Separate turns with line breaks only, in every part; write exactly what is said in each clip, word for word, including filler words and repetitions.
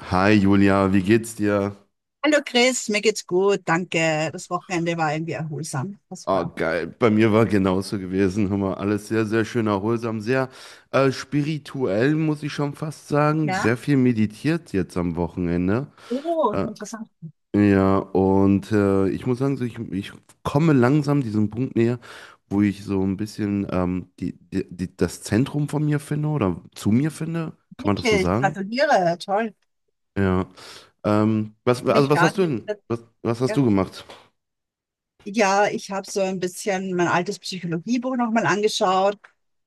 Hi Julia, wie geht's dir?
Hallo Chris, mir geht's gut, danke. Das Wochenende war irgendwie erholsam. Das
Ah,
war.
geil. Bei mir war genauso gewesen. Hör mal, alles sehr, sehr schön erholsam, sehr äh, spirituell, muss ich schon fast sagen.
Ja?
Sehr viel meditiert jetzt am Wochenende.
Oh,
Äh,
interessant.
ja, und äh, ich muss sagen, so ich, ich komme langsam diesem Punkt näher, wo ich so ein bisschen ähm, die, die, die, das Zentrum von mir finde oder zu mir finde. Kann man das so
Wirklich,
sagen?
gratuliere, toll.
Ja. Ähm, was, also
Welch
was hast du
Garten?
denn? Was, was hast du gemacht?
Ja, ich habe so ein bisschen mein altes Psychologiebuch nochmal angeschaut,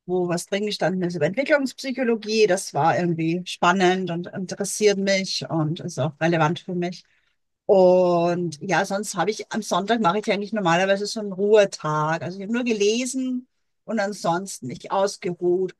wo was drin gestanden ist über Entwicklungspsychologie. Das war irgendwie spannend und interessiert mich und ist auch relevant für mich. Und ja, sonst habe ich am Sonntag mache ich eigentlich normalerweise so einen Ruhetag. Also ich habe nur gelesen und ansonsten mich ausgeruht.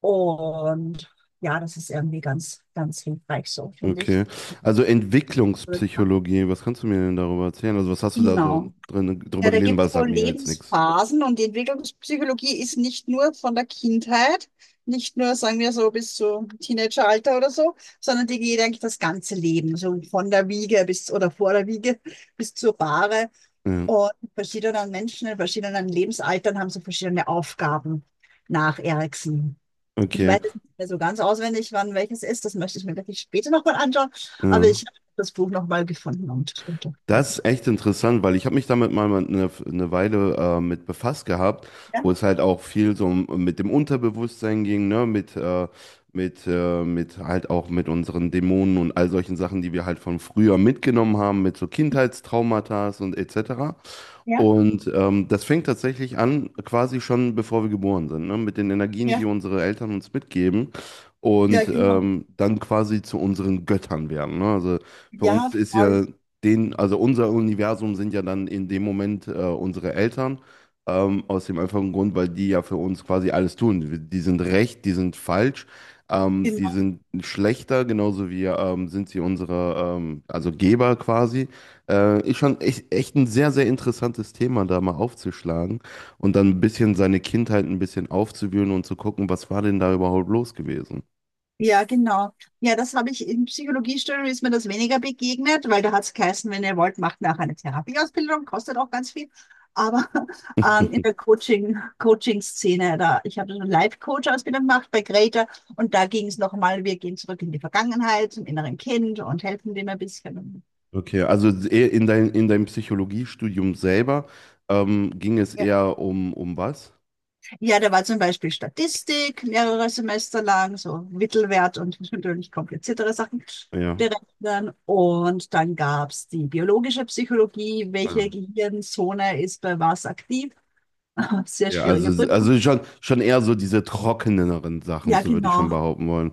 Und ja, das ist irgendwie ganz, ganz hilfreich so, finde ich.
Okay. Also Entwicklungspsychologie, was kannst du mir denn darüber erzählen? Also was hast du da so
Genau.
drin drüber
Ja, da
gelesen? Weil
gibt es
das
so
sagt mir ja jetzt nichts.
Lebensphasen und die Entwicklungspsychologie ist nicht nur von der Kindheit, nicht nur, sagen wir so, bis zum Teenageralter oder so, sondern die geht eigentlich das ganze Leben, so von der Wiege bis oder vor der Wiege bis zur Bahre.
Ja.
Und verschiedenen Menschen in verschiedenen Lebensaltern haben so verschiedene Aufgaben nach Erikson. Ich
Okay.
weiß jetzt nicht mehr so ganz auswendig, wann welches ist, das möchte ich mir wirklich später nochmal anschauen, aber
Ja.
ich habe das Buch nochmal gefunden und und-
Das
und-
ist echt interessant, weil ich habe mich damit mal eine, eine Weile äh, mit befasst gehabt,
ja,
wo es halt auch viel so um, mit dem Unterbewusstsein ging, ne, mit äh, mit äh, mit halt auch mit unseren Dämonen und all solchen Sachen, die wir halt von früher mitgenommen haben, mit so Kindheitstraumata und et cetera.
ja,
Und ähm, das fängt tatsächlich an, quasi schon bevor wir geboren sind, ne? Mit den Energien, die
ja.
unsere Eltern uns mitgeben
Ja,
und
genau.
ähm, dann quasi zu unseren Göttern werden. Ne? Also für
Ja,
uns ist
voll.
ja den, also unser Universum sind ja dann in dem Moment äh, unsere Eltern, ähm, aus dem einfachen Grund, weil die ja für uns quasi alles tun. Die die sind recht, die sind falsch. Ähm, die
Genau.
sind schlechter, genauso wie ähm, sind sie unsere, ähm, also Geber quasi. Äh, ist schon echt, echt ein sehr, sehr interessantes Thema, da mal aufzuschlagen und dann ein bisschen seine Kindheit ein bisschen aufzuwühlen und zu gucken, was war denn da überhaupt los gewesen.
Ja, genau. Ja, das habe ich in Psychologiestudium ist mir das weniger begegnet, weil da hat es geheißen, wenn ihr wollt, macht nachher eine Therapieausbildung, kostet auch ganz viel. Aber ähm, in der Coaching, Coaching-Szene, da, ich habe so eine Life-Coach-Ausbildung gemacht bei Greta und da ging es nochmal, wir gehen zurück in die Vergangenheit, zum inneren Kind und helfen dem ein bisschen.
Okay, also eher in dein, in deinem Psychologiestudium selber ähm, ging es eher um, um was?
Ja, da war zum Beispiel Statistik mehrere Semester lang, so Mittelwert und natürlich kompliziertere Sachen
Ja.
berechnen. Und dann gab's die biologische Psychologie, welche
Ja,
Gehirnzone ist bei was aktiv. Sehr
Ja,
schwierige
also,
Prüfung.
also schon, schon eher so diese trockeneren Sachen,
Ja,
so würde ich schon
genau.
behaupten wollen.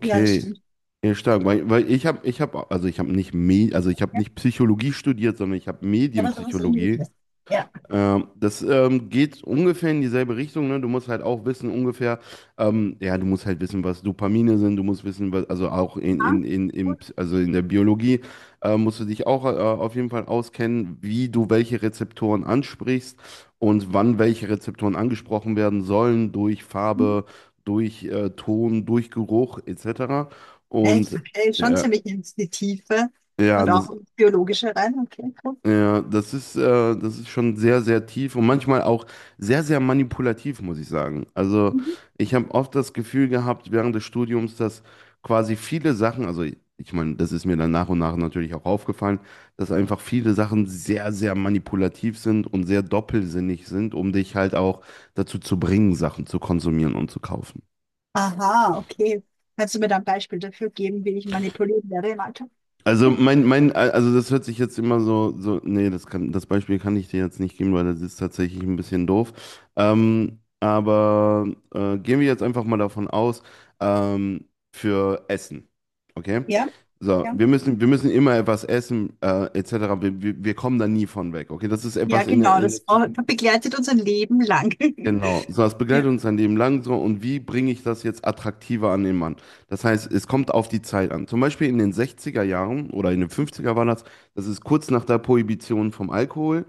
Ja, das stimmt.
Ja, stark, weil, weil ich habe, ich habe, also ich habe nicht, Me also ich habe
Ja,
nicht Psychologie studiert, sondern ich habe
ja, aber was
Medienpsychologie.
ähnliches. Ja.
Ähm, das ähm, geht ungefähr in dieselbe Richtung, ne? Du musst halt auch wissen, ungefähr, ähm, ja, du musst halt wissen, was Dopamine sind, du musst wissen, was, also auch in,
Ja.
in, in, in, also in der Biologie äh, musst du dich auch äh, auf jeden Fall auskennen, wie du welche Rezeptoren ansprichst und wann welche Rezeptoren angesprochen werden sollen, durch
Mhm.
Farbe, durch äh, Ton, durch Geruch, et cetera.
Echt,
Und
okay, schon
ja,
ziemlich in die Tiefe
ja,
und
das.
auch ins Biologische rein. Okay, cool.
Ja, das ist, äh, das ist schon sehr, sehr tief und manchmal auch sehr, sehr manipulativ, muss ich sagen. Also
Mhm.
ich habe oft das Gefühl gehabt während des Studiums, dass quasi viele Sachen, also ich meine, das ist mir dann nach und nach natürlich auch aufgefallen, dass einfach viele Sachen sehr, sehr manipulativ sind und sehr doppelsinnig sind, um dich halt auch dazu zu bringen, Sachen zu konsumieren und zu kaufen.
Aha, okay. Kannst du mir da ein Beispiel dafür geben, wie ich manipuliert werde im Alltag?
Also mein, mein, also das hört sich jetzt immer so, so, nee, das kann, das Beispiel kann ich dir jetzt nicht geben, weil das ist tatsächlich ein bisschen doof. Ähm, aber äh, gehen wir jetzt einfach mal davon aus, ähm, für Essen. Okay?
Ja,
So,
ja.
wir müssen, wir müssen immer etwas essen, äh, et cetera. Wir, wir, wir kommen da nie von weg. Okay, das ist
Ja,
etwas in, der-
genau,
in
das
der
brau-
Zukunft.
begleitet uns ein Leben lang.
Genau, so das
Ja.
begleitet uns sein Leben lang so und wie bringe ich das jetzt attraktiver an den Mann? Das heißt, es kommt auf die Zeit an. Zum Beispiel in den sechziger Jahren oder in den fünfziger war das, das ist kurz nach der Prohibition vom Alkohol,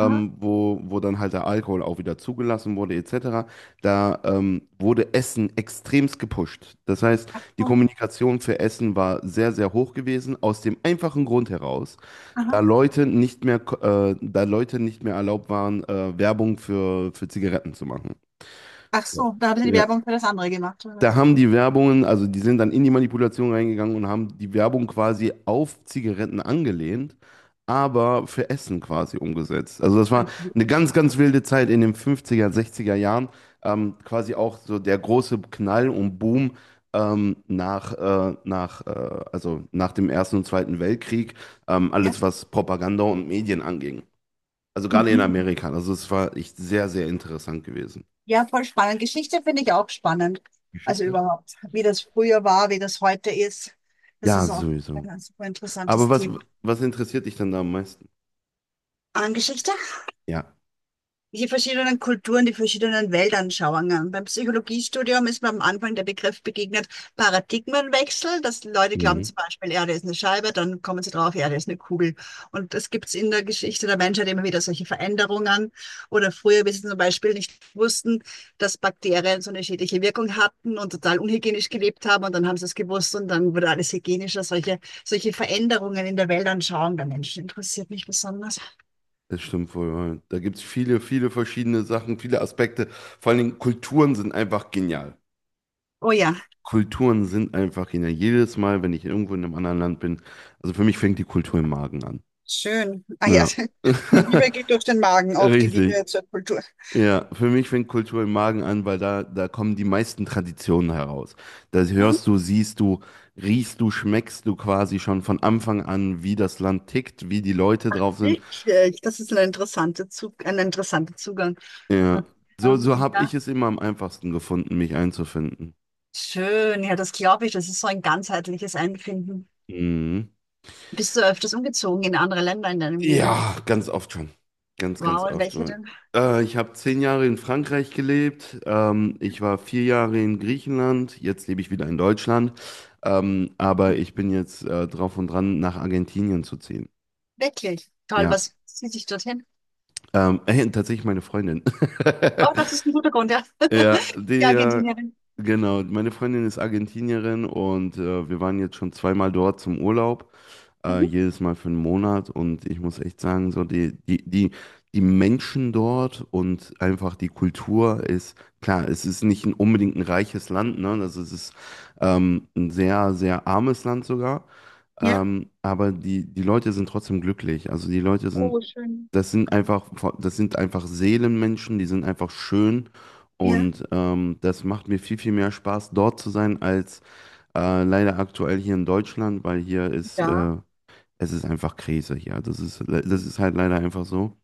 Aha.
wo, wo dann halt der Alkohol auch wieder zugelassen wurde, et cetera, da ähm, wurde Essen extremst gepusht. Das heißt,
Ach
die
so.
Kommunikation für Essen war sehr, sehr hoch gewesen, aus dem einfachen Grund heraus, da
Aha.
Leute nicht mehr, ko- äh, da Leute nicht mehr erlaubt waren, äh, Werbung für, für Zigaretten zu machen.
Ach
Ja.
so, da haben sie die
Ja,
Werbung für das andere gemacht, oder?
da haben die Werbungen, also die sind dann in die Manipulation reingegangen und haben die Werbung quasi auf Zigaretten angelehnt, aber für Essen quasi umgesetzt. Also das war
Entschuldigung.
eine ganz, ganz wilde Zeit in den fünfziger sechziger Jahren. Ähm, quasi auch so der große Knall und Boom ähm, nach, äh, nach, äh, also nach dem Ersten und Zweiten Weltkrieg, ähm,
Ja.
alles was Propaganda und Medien anging. Also gerade in
Mhm.
Amerika. Also es war echt sehr, sehr interessant gewesen.
Ja, voll spannend. Geschichte finde ich auch spannend. Also
Geschichte.
überhaupt, wie das früher war, wie das heute ist. Das
Ja,
ist auch
sowieso.
ein super
Aber
interessantes
was,
Thema.
was interessiert dich dann da am meisten?
An Geschichte?
Ja.
Die verschiedenen Kulturen, die verschiedenen Weltanschauungen. Beim Psychologiestudium ist mir am Anfang der Begriff begegnet, Paradigmenwechsel, dass Leute glauben
Mhm.
zum Beispiel, Erde ist eine Scheibe, dann kommen sie drauf, Erde ist eine Kugel. Und das gibt's in der Geschichte der Menschheit immer wieder solche Veränderungen. Oder früher, wie sie zum Beispiel nicht wussten, dass Bakterien so eine schädliche Wirkung hatten und total unhygienisch gelebt haben und dann haben sie es gewusst und dann wurde alles hygienischer. Solche, solche Veränderungen in der Weltanschauung der Menschen interessiert mich besonders.
Das stimmt wohl. Ja. Da gibt es viele, viele verschiedene Sachen, viele Aspekte. Vor allen Dingen Kulturen sind einfach genial.
Oh ja.
Kulturen sind einfach genial. Jedes Mal, wenn ich irgendwo in einem anderen Land bin, also für mich fängt die Kultur im Magen an.
Schön. Ah ja,
Ja.
die Liebe geht durch den Magen, auch die
Richtig.
Liebe zur Kultur.
Ja, für mich fängt Kultur im Magen an, weil da, da kommen die meisten Traditionen heraus. Da hörst
Mhm.
du, siehst du, riechst du, schmeckst du quasi schon von Anfang an, wie das Land tickt, wie die Leute drauf sind.
Richtig, das ist ein interessanter Zug, ein interessanter Zugang.
Ja. So,
Ja,
so habe ich
ja.
es immer am einfachsten gefunden, mich einzufinden.
Schön, ja, das glaube ich. Das ist so ein ganzheitliches Einfinden.
Mhm.
Bist du öfters umgezogen in andere Länder in deinem Leben?
Ja, ganz oft schon. Ganz, ganz
Wow, in
oft
welche
schon.
denn?
Äh, ich habe zehn Jahre in Frankreich gelebt. Ähm, ich war vier Jahre in Griechenland. Jetzt lebe ich wieder in Deutschland. Ähm, aber
Ah,
ich bin jetzt äh, drauf und dran, nach Argentinien zu ziehen.
wirklich. Toll,
Ja.
was zieht dich dorthin?
Ähm, äh, tatsächlich meine Freundin.
Oh, das ist ein guter Grund, ja.
Ja,
Die
der,
Argentinierin.
genau. Meine Freundin ist Argentinierin und äh, wir waren jetzt schon zweimal dort zum Urlaub. Äh,
Mhm.
jedes Mal für einen Monat und ich muss echt sagen, so die, die, die, die Menschen dort und einfach die Kultur ist, klar, es ist nicht ein, unbedingt ein reiches Land, ne? Also es ist ähm, ein sehr, sehr armes Land sogar,
Ja.
ähm, aber die, die Leute sind trotzdem glücklich. Also die Leute sind,
Oh, schön.
das sind einfach, das sind einfach Seelenmenschen, die sind einfach schön.
Ja.
Und ähm, das macht mir viel, viel mehr Spaß, dort zu sein, als äh, leider aktuell hier in Deutschland, weil hier ist
Ja.
äh, es ist einfach Krise hier. Das ist, le- das ist halt leider einfach so.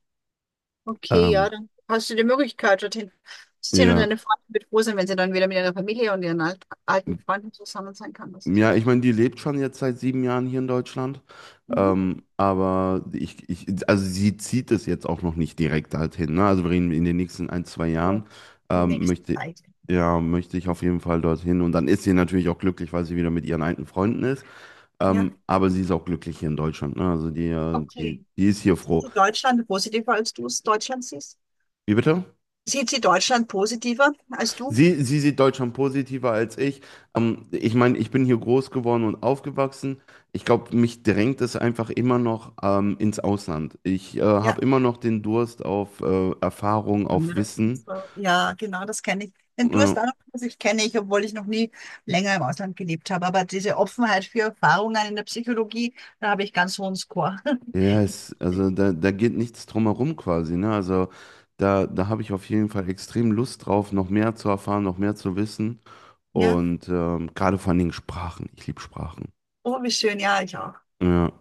Okay, ja,
Ähm,
dann hast du die Möglichkeit, dorthin zu sehen und
ja.
deine Freunde wird froh sein, wenn sie dann wieder mit ihrer Familie und ihren alt, alten Freunden zusammen sein kann. Das ist ja.
Ja, ich meine, die lebt schon jetzt seit sieben Jahren hier in Deutschland.
Mhm.
Ähm, aber ich, ich, also sie zieht es jetzt auch noch nicht direkt halt hin. Ne? Also wir reden in den nächsten ein, zwei
So
Jahren
im
ähm,
nächsten
möchte,
Zeit.
ja, möchte ich auf jeden Fall dorthin. Und dann ist sie natürlich auch glücklich, weil sie wieder mit ihren alten Freunden ist.
Ja,
Ähm, aber sie ist auch glücklich hier in Deutschland. Ne? Also die, äh, die,
okay.
die ist hier
Sieht
froh.
sie Deutschland positiver, als du es Deutschland siehst?
Wie bitte?
Sieht sie Deutschland positiver als du?
Sie, sie sieht Deutschland positiver als ich. Ähm, ich meine, ich bin hier groß geworden und aufgewachsen. Ich glaube, mich drängt es einfach immer noch ähm, ins Ausland. Ich äh, habe
Ja.
immer noch den Durst auf äh, Erfahrung, auf
Andere.
Wissen.
So, ja, genau, das kenne ich. Den
Ja,
Durst auch, das ich kenne ich, obwohl ich noch nie länger im Ausland gelebt habe. Aber diese Offenheit für Erfahrungen in der Psychologie, da habe ich ganz hohen Score.
yes, also da, da geht nichts drum herum quasi, ne? Also da, da habe ich auf jeden Fall extrem Lust drauf, noch mehr zu erfahren, noch mehr zu wissen.
Ja.
Und ähm, gerade vor allen Dingen Sprachen. Ich liebe Sprachen.
Oh, wie schön, ja, ich auch.
Ja.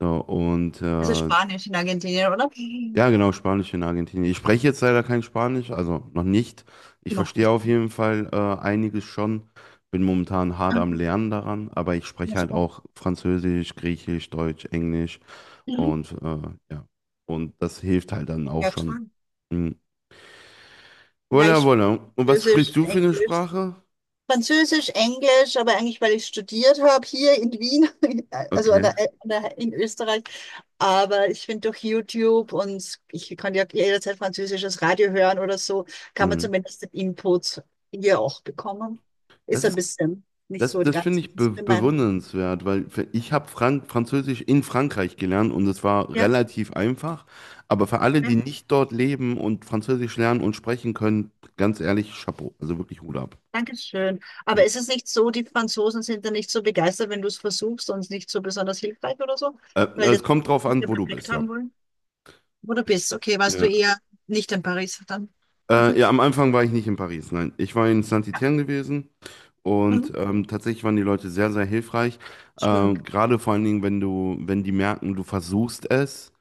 So, und
Also
äh,
Spanisch in Argentinien, oder?
Ja, genau, Spanisch in Argentinien. Ich spreche jetzt leider kein Spanisch, also noch nicht. Ich
Noch
verstehe
nicht.
auf jeden Fall äh, einiges schon. Bin momentan hart
Ah,
am Lernen daran, aber ich
ja,
spreche halt
super.
auch Französisch, Griechisch, Deutsch, Englisch
Mhm.
und äh, ja. Und das hilft halt dann auch
Ja,
schon.
toll.
Mhm.
Ja,
Voilà,
ich
voilà. Und was
Französisch,
sprichst du für eine
Englisch.
Sprache?
Französisch, Englisch, aber eigentlich, weil ich studiert habe hier in Wien, also an
Okay.
der, an der, in Österreich. Aber ich finde durch YouTube und ich kann ja jederzeit französisches Radio hören oder so, kann man
Mhm.
zumindest den Input hier auch bekommen. Ist
Das
ein
ist
bisschen nicht
Das,
so die
das finde
ganze
ich be
Meinung.
bewundernswert, weil für- ich habe Frank Französisch in Frankreich gelernt und es war
Ja,
relativ einfach. Aber für alle,
ja.
die nicht dort leben und Französisch lernen und sprechen können, ganz ehrlich, Chapeau. Also wirklich Hut ab.
Dankeschön.
Mhm.
Aber ist es nicht so, die Franzosen sind da nicht so begeistert, wenn du es versuchst und nicht so besonders hilfreich oder so,
Äh,
weil die
es kommt drauf an,
den
wo du
Effekt
bist, ja.
haben wollen? Wo du bist, okay, warst du
Ja.
eher nicht in Paris dann?
Äh, ja, am Anfang war ich nicht in Paris, nein. Ich war in Saint-Étienne gewesen.
Mhm.
Und ähm, tatsächlich waren die Leute sehr, sehr hilfreich.
Schön.
Ähm, gerade vor allen Dingen, wenn du, wenn die merken, du versuchst es,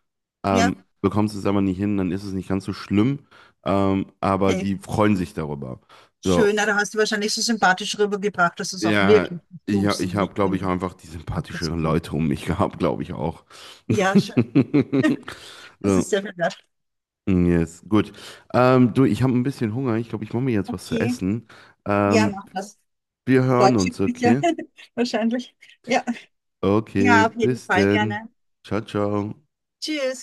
Ja,
ähm, bekommst es aber nicht hin, dann ist es nicht ganz so schlimm. Ähm, aber
okay,
die freuen sich darüber.
schön.
So,
Na, da hast du wahrscheinlich so sympathisch rübergebracht, dass du es auch
ja,
wirklich
ich, hab-
versuchst
ich
und
habe,
nicht
glaube
nur
ich, auch einfach die sympathischeren
abgezogen.
Leute um mich gehabt, glaube ich auch.
Ja, schön. Das
So,
ist sehr viel wert.
mm, yes, gut. Ähm, du, ich habe ein bisschen Hunger. Ich glaube, ich mache mir jetzt was zu
Okay.
essen.
Ja,
Ähm,
mach das.
Wir hören
Deutsche
uns,
Küche,
okay?
wahrscheinlich. Ja.
Okay,
Ja, auf jeden
bis
Fall
denn.
gerne.
Ciao, ciao.
Tschüss.